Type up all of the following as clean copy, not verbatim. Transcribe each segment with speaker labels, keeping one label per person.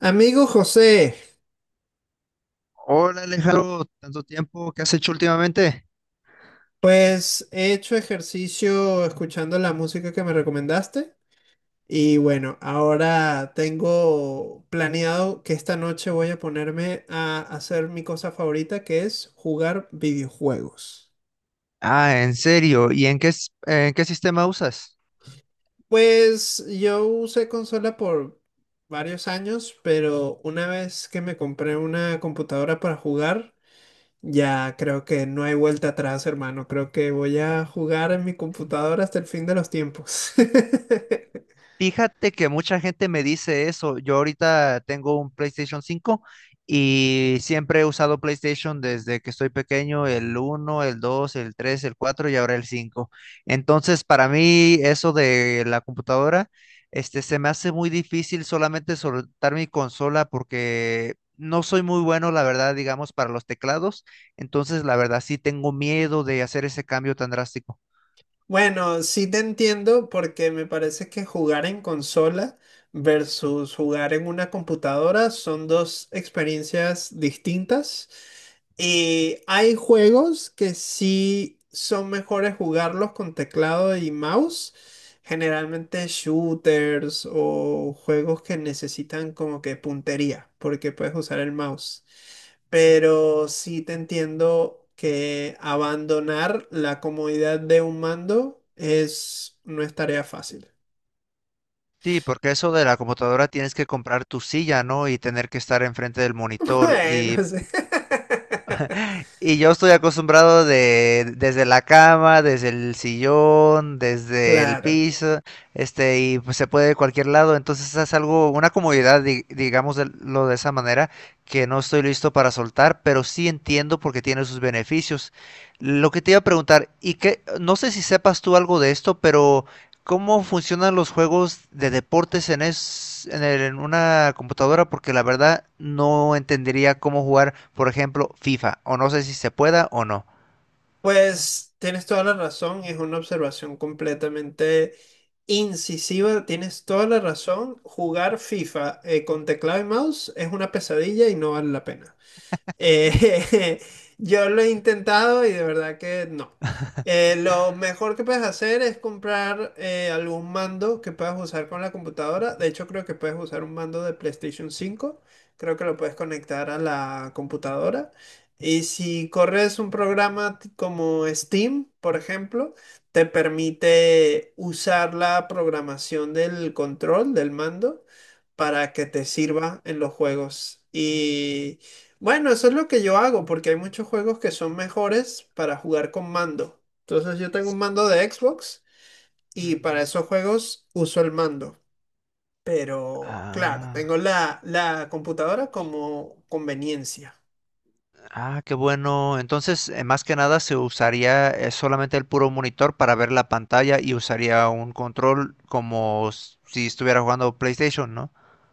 Speaker 1: Amigo José,
Speaker 2: Hola Alejandro, tanto tiempo, ¿qué has hecho últimamente?
Speaker 1: pues he hecho ejercicio escuchando la música que me recomendaste. Y bueno, ahora tengo planeado que esta noche voy a ponerme a hacer mi cosa favorita, que es jugar videojuegos.
Speaker 2: Ah, en serio, ¿y en qué, en qué sistema usas?
Speaker 1: Pues yo usé consola por varios años, pero una vez que me compré una computadora para jugar, ya, creo que no hay vuelta atrás, hermano. Creo que voy a jugar en mi computadora hasta el fin de los tiempos.
Speaker 2: Fíjate que mucha gente me dice eso. Yo ahorita tengo un PlayStation cinco y siempre he usado PlayStation desde que estoy pequeño, el uno, el 2, el 3, el 4 y ahora el 5. Entonces, para mí eso de la computadora, se me hace muy difícil solamente soltar mi consola porque no soy muy bueno, la verdad, digamos, para los teclados. Entonces, la verdad, sí tengo miedo de hacer ese cambio tan drástico.
Speaker 1: Bueno, sí te entiendo, porque me parece que jugar en consola versus jugar en una computadora son dos experiencias distintas. Y hay juegos que sí son mejores jugarlos con teclado y mouse. Generalmente shooters o juegos que necesitan como que puntería, porque puedes usar el mouse. Pero sí te entiendo que abandonar la comodidad de un mando es, no es tarea fácil.
Speaker 2: Sí, porque eso de la computadora tienes que comprar tu silla, ¿no? Y tener que estar enfrente del monitor.
Speaker 1: Bueno, sí.
Speaker 2: Y yo estoy acostumbrado de, desde la cama, desde el sillón, desde el
Speaker 1: Claro.
Speaker 2: piso, y pues se puede de cualquier lado. Entonces es algo, una comodidad, digamos, de, lo de esa manera, que no estoy listo para soltar, pero sí entiendo porque tiene sus beneficios. Lo que te iba a preguntar, y que, no sé si sepas tú algo de esto, pero ¿cómo funcionan los juegos de deportes en, en una computadora? Porque la verdad no entendería cómo jugar, por ejemplo, FIFA, o no sé si se pueda o no.
Speaker 1: Pues tienes toda la razón, es una observación completamente incisiva, tienes toda la razón. Jugar FIFA, con teclado y mouse es una pesadilla y no vale la pena. Eh, yo lo he intentado y de verdad que no. Lo mejor que puedes hacer es comprar algún mando que puedas usar con la computadora. De hecho, creo que puedes usar un mando de PlayStation 5. Creo que lo puedes conectar a la computadora. Y si corres un programa como Steam, por ejemplo, te permite usar la programación del control del mando para que te sirva en los juegos. Y bueno, eso es lo que yo hago, porque hay muchos juegos que son mejores para jugar con mando. Entonces yo tengo un mando de Xbox y para
Speaker 2: Mm.
Speaker 1: esos juegos uso el mando. Pero claro,
Speaker 2: Ah,
Speaker 1: tengo la computadora como conveniencia.
Speaker 2: qué bueno. Entonces, más que nada se usaría solamente el puro monitor para ver la pantalla y usaría un control como si estuviera jugando PlayStation, ¿no?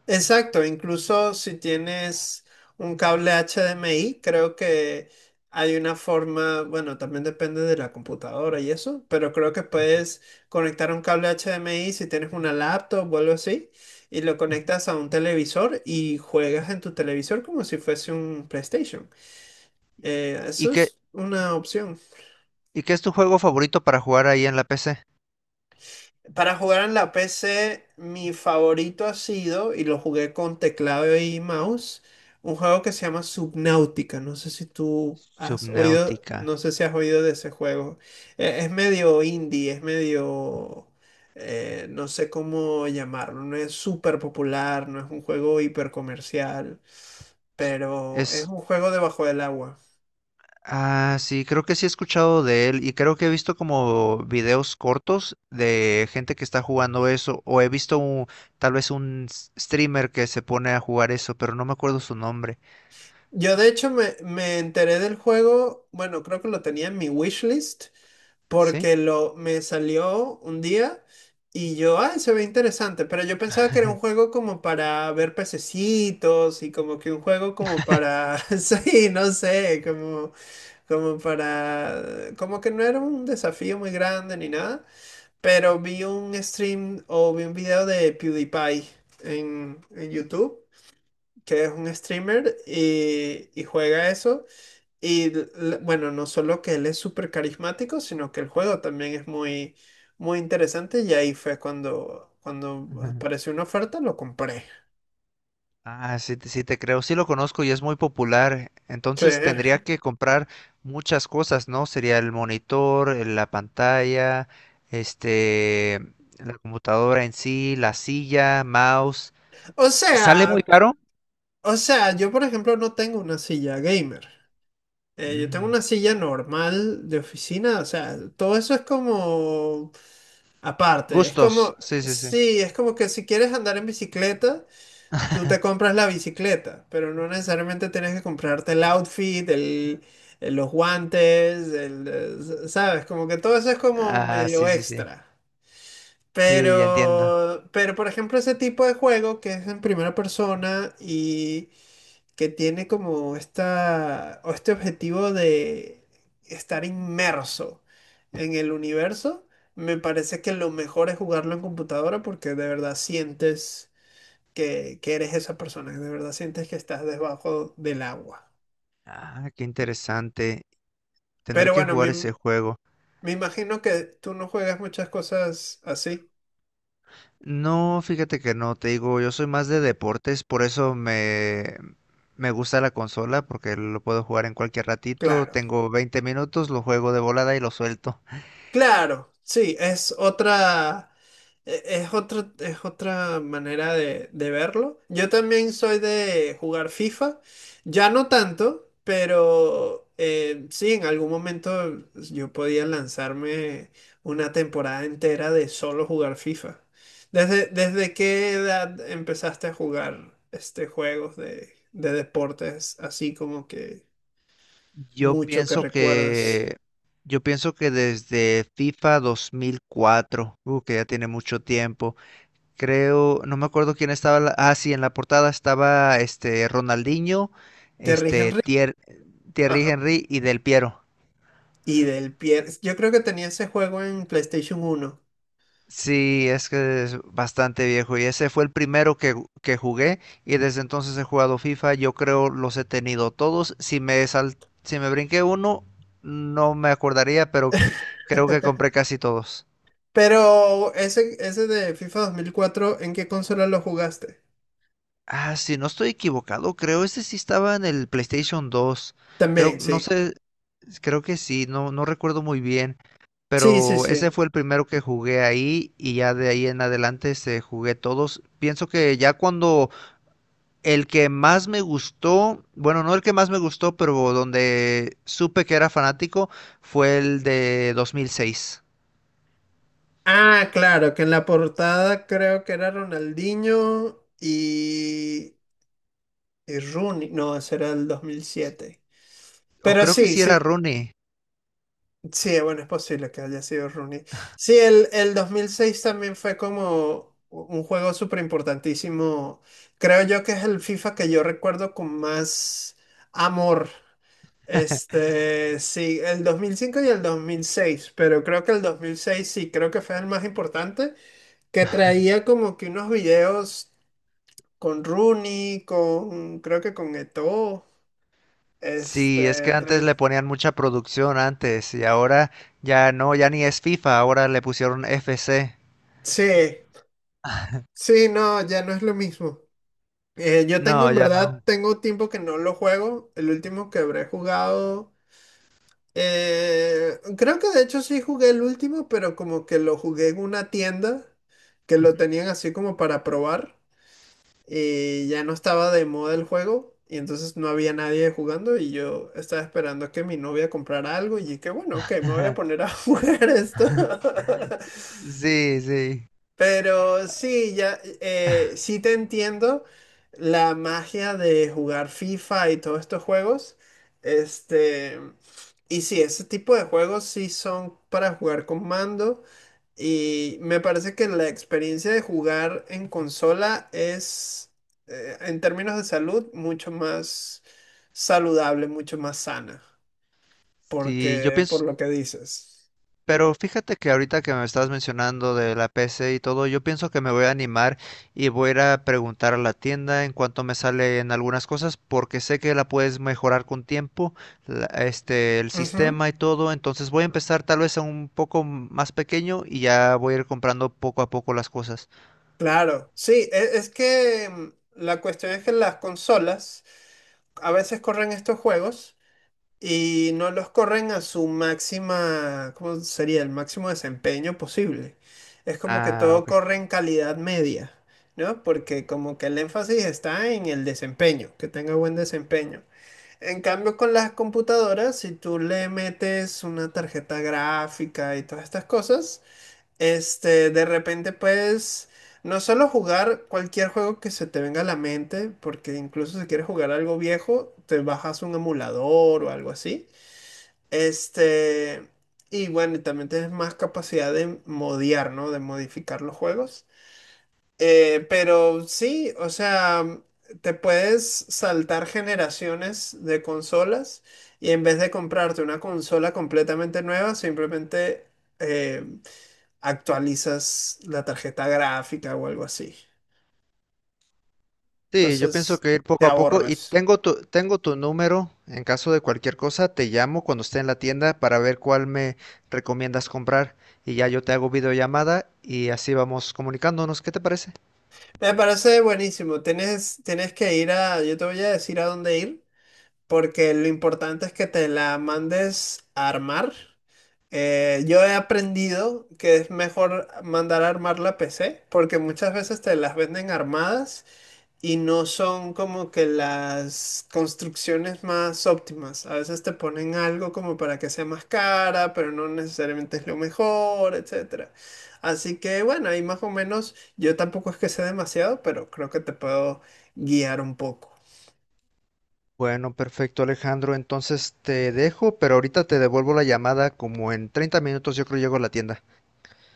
Speaker 1: Exacto, incluso si tienes un cable HDMI, creo que hay una forma, bueno, también depende de la computadora y eso, pero creo que
Speaker 2: Ujú,
Speaker 1: puedes conectar un cable HDMI si tienes una laptop o algo así, y lo
Speaker 2: ujú.
Speaker 1: conectas a un televisor y juegas en tu televisor como si fuese un PlayStation.
Speaker 2: ¿Y
Speaker 1: Eso
Speaker 2: qué,
Speaker 1: es una opción.
Speaker 2: ¿y qué es tu juego favorito para jugar ahí en la PC?
Speaker 1: Para jugar en la PC, mi favorito ha sido, y lo jugué con teclado y mouse, un juego que se llama Subnautica. No sé si tú has oído,
Speaker 2: Subnautica.
Speaker 1: no sé si has oído de ese juego. Es medio indie, es medio, no sé cómo llamarlo. No es súper popular, no es un juego hiper comercial, pero es
Speaker 2: Es.
Speaker 1: un juego debajo del agua.
Speaker 2: Ah, sí, creo que sí he escuchado de él y creo que he visto como videos cortos de gente que está jugando eso o he visto tal vez un streamer que se pone a jugar eso, pero no me acuerdo su nombre.
Speaker 1: Yo de hecho me enteré del juego, bueno, creo que lo tenía en mi wishlist
Speaker 2: ¿Sí?
Speaker 1: porque lo me salió un día y yo, ay, se ve interesante, pero yo pensaba que era un juego como para ver pececitos y como que un juego como para, sí, no sé, como, como para, como que no era un desafío muy grande ni nada, pero vi un stream o vi un video de PewDiePie en YouTube, que es un streamer y juega eso. Y l- bueno, no solo que él es súper carismático, sino que el juego también es muy, muy interesante y ahí fue cuando, cuando
Speaker 2: Ujú.
Speaker 1: apareció una oferta, lo compré.
Speaker 2: Ah, sí, sí te creo, sí lo conozco y es muy popular.
Speaker 1: Sí.
Speaker 2: Entonces tendría que comprar muchas cosas, ¿no? Sería el monitor, la pantalla, este, la computadora en sí, la silla, mouse.
Speaker 1: O
Speaker 2: ¿Sale muy
Speaker 1: sea,
Speaker 2: caro?
Speaker 1: o sea, yo por ejemplo no tengo una silla gamer. Yo tengo
Speaker 2: Mm.
Speaker 1: una silla normal de oficina, o sea, todo eso es como aparte. Es
Speaker 2: Gustos,
Speaker 1: como,
Speaker 2: sí, sí, sí.
Speaker 1: sí, es como que si quieres andar en bicicleta. Tú te compras la bicicleta, pero no necesariamente tienes que comprarte el outfit, el, los guantes, el, ¿sabes? Como que todo eso es como
Speaker 2: Ah,
Speaker 1: medio
Speaker 2: sí, sí, sí.
Speaker 1: extra.
Speaker 2: Sí, ya entiendo.
Speaker 1: Pero por ejemplo, ese tipo de juego que es en primera persona y que tiene como esta, o este objetivo de estar inmerso en el universo, me parece que lo mejor es jugarlo en computadora porque de verdad sientes que eres esa persona, que de verdad sientes que estás debajo del agua.
Speaker 2: Ah, qué interesante. Tener
Speaker 1: Pero
Speaker 2: que
Speaker 1: bueno,
Speaker 2: jugar ese juego.
Speaker 1: me imagino que tú no juegas muchas cosas así,
Speaker 2: No, fíjate que no, te digo, yo soy más de deportes, por eso me gusta la consola, porque lo puedo jugar en cualquier ratito.
Speaker 1: claro.
Speaker 2: Tengo 20 minutos, lo juego de volada y lo suelto.
Speaker 1: Claro, sí, es otra, es otra, es otra manera de verlo. Yo también soy de jugar FIFA, ya no tanto, pero sí, en algún momento yo podía lanzarme una temporada entera de solo jugar FIFA. ¿Desde, desde qué edad empezaste a jugar este juegos de deportes así como que
Speaker 2: Yo
Speaker 1: mucho que
Speaker 2: pienso
Speaker 1: recuerdes?
Speaker 2: que, yo pienso que desde FIFA 2004, que ya tiene mucho tiempo. Creo, no me acuerdo quién estaba. Sí, en la portada estaba este Ronaldinho,
Speaker 1: ¿Te rigen?
Speaker 2: este Thierry Henry y Del Piero.
Speaker 1: Y del pie, yo creo que tenía ese juego en PlayStation 1.
Speaker 2: Sí, es que es bastante viejo y ese fue el primero que jugué, y desde entonces he jugado FIFA. Yo creo los he tenido todos. Si me brinqué uno, no me acordaría, pero creo que compré casi todos.
Speaker 1: Pero ese de FIFA 2004 ¿en qué consola lo jugaste?
Speaker 2: Ah, si no estoy equivocado, creo ese sí estaba en el PlayStation 2. Creo,
Speaker 1: También,
Speaker 2: no
Speaker 1: sí.
Speaker 2: sé, creo que sí, no, no recuerdo muy bien,
Speaker 1: Sí, sí,
Speaker 2: pero ese
Speaker 1: sí.
Speaker 2: fue el primero que jugué ahí y ya de ahí en adelante se jugué todos. Pienso que ya cuando el que más me gustó, bueno, no el que más me gustó, pero donde supe que era fanático, fue el de 2006.
Speaker 1: Ah, claro, que en la portada creo que era Ronaldinho y Rooney. No, ese era el 2007.
Speaker 2: O
Speaker 1: Pero
Speaker 2: creo que
Speaker 1: sí,
Speaker 2: sí era
Speaker 1: sí,
Speaker 2: Rooney.
Speaker 1: sí, bueno, es posible que haya sido Rooney. Sí, el 2006 también fue como un juego súper importantísimo. Creo yo que es el FIFA que yo recuerdo con más amor. Este, sí, el 2005 y el 2006, pero creo que el 2006 sí, creo que fue el más importante, que traía como que unos videos con Rooney, con, creo que con Eto'o,
Speaker 2: Sí, es
Speaker 1: este,
Speaker 2: que antes
Speaker 1: trae-
Speaker 2: le ponían mucha producción antes y ahora ya no, ya ni es FIFA, ahora le pusieron F C.
Speaker 1: sí, sí, no, ya no es lo mismo. Yo tengo,
Speaker 2: No,
Speaker 1: en
Speaker 2: ya
Speaker 1: verdad,
Speaker 2: no.
Speaker 1: tengo tiempo que no lo juego. El último que habré jugado, creo que de hecho sí jugué el último, pero como que lo jugué en una tienda que lo
Speaker 2: Ujú.
Speaker 1: tenían así como para probar y ya no estaba de moda el juego y entonces no había nadie jugando y yo estaba esperando que mi novia comprara algo y que bueno, ok, me voy a poner a jugar esto.
Speaker 2: Sí, sí.
Speaker 1: Pero sí, ya, sí te entiendo la magia de jugar FIFA y todos estos juegos. Este, y sí, ese tipo de juegos sí son para jugar con mando. Y me parece que la experiencia de jugar en consola es, en términos de salud, mucho más saludable, mucho más sana,
Speaker 2: Sí, yo
Speaker 1: porque por
Speaker 2: pienso.
Speaker 1: lo que dices.
Speaker 2: Pero fíjate que ahorita que me estás mencionando de la PC y todo, yo pienso que me voy a animar y voy a ir a preguntar a la tienda en cuanto me salen algunas cosas, porque sé que la puedes mejorar con tiempo, el sistema y todo. Entonces voy a empezar tal vez a un poco más pequeño y ya voy a ir comprando poco a poco las cosas.
Speaker 1: Claro, sí, es, que mm, la cuestión es que las consolas a veces corren estos juegos y no los corren a su máxima, ¿cómo sería? El máximo desempeño posible. Es como que
Speaker 2: Ah,
Speaker 1: todo
Speaker 2: ok.
Speaker 1: corre en calidad media, ¿no? Porque como que el énfasis está en el desempeño, que tenga buen desempeño. En cambio, con las computadoras, si tú le metes una tarjeta gráfica y todas estas cosas, este, de repente puedes no solo jugar cualquier juego que se te venga a la mente, porque incluso si quieres jugar algo viejo, te bajas un emulador o algo así. Este, y bueno, y también tienes más capacidad de modiar, ¿no? De modificar los juegos. Pero sí, o sea, te puedes saltar generaciones de consolas y en vez de comprarte una consola completamente nueva, simplemente... eh, actualizas la tarjeta gráfica o algo así.
Speaker 2: Sí, yo pienso
Speaker 1: Entonces,
Speaker 2: que ir
Speaker 1: te
Speaker 2: poco a poco y
Speaker 1: ahorras.
Speaker 2: tengo tengo tu número en caso de cualquier cosa, te llamo cuando esté en la tienda para ver cuál me recomiendas comprar, y ya yo te hago videollamada y así vamos comunicándonos, ¿qué te parece?
Speaker 1: Me parece buenísimo. Tienes, tienes que ir a, yo te voy a decir a dónde ir, porque lo importante es que te la mandes a armar. Yo he aprendido que es mejor mandar a armar la PC, porque muchas veces te las venden armadas. Y no son como que las construcciones más óptimas. A veces te ponen algo como para que sea más cara, pero no necesariamente es lo mejor, etcétera. Así que bueno, ahí más o menos yo tampoco es que sé demasiado, pero creo que te puedo guiar un poco.
Speaker 2: Bueno, perfecto Alejandro, entonces te dejo, pero ahorita te devuelvo la llamada como en 30 minutos yo creo llego a la tienda.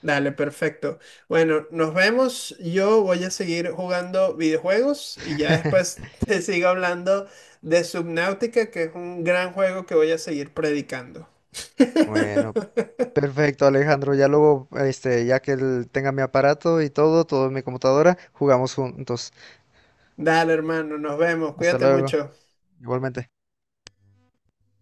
Speaker 1: Dale, perfecto. Bueno, nos vemos. Yo voy a seguir jugando videojuegos y ya después te sigo hablando de Subnautica, que es un gran juego que voy a seguir predicando.
Speaker 2: Bueno, perfecto Alejandro, ya luego, ya que él tenga mi aparato y todo, todo en mi computadora, jugamos juntos.
Speaker 1: Dale, hermano, nos vemos.
Speaker 2: Hasta
Speaker 1: Cuídate
Speaker 2: luego,
Speaker 1: mucho.
Speaker 2: igualmente.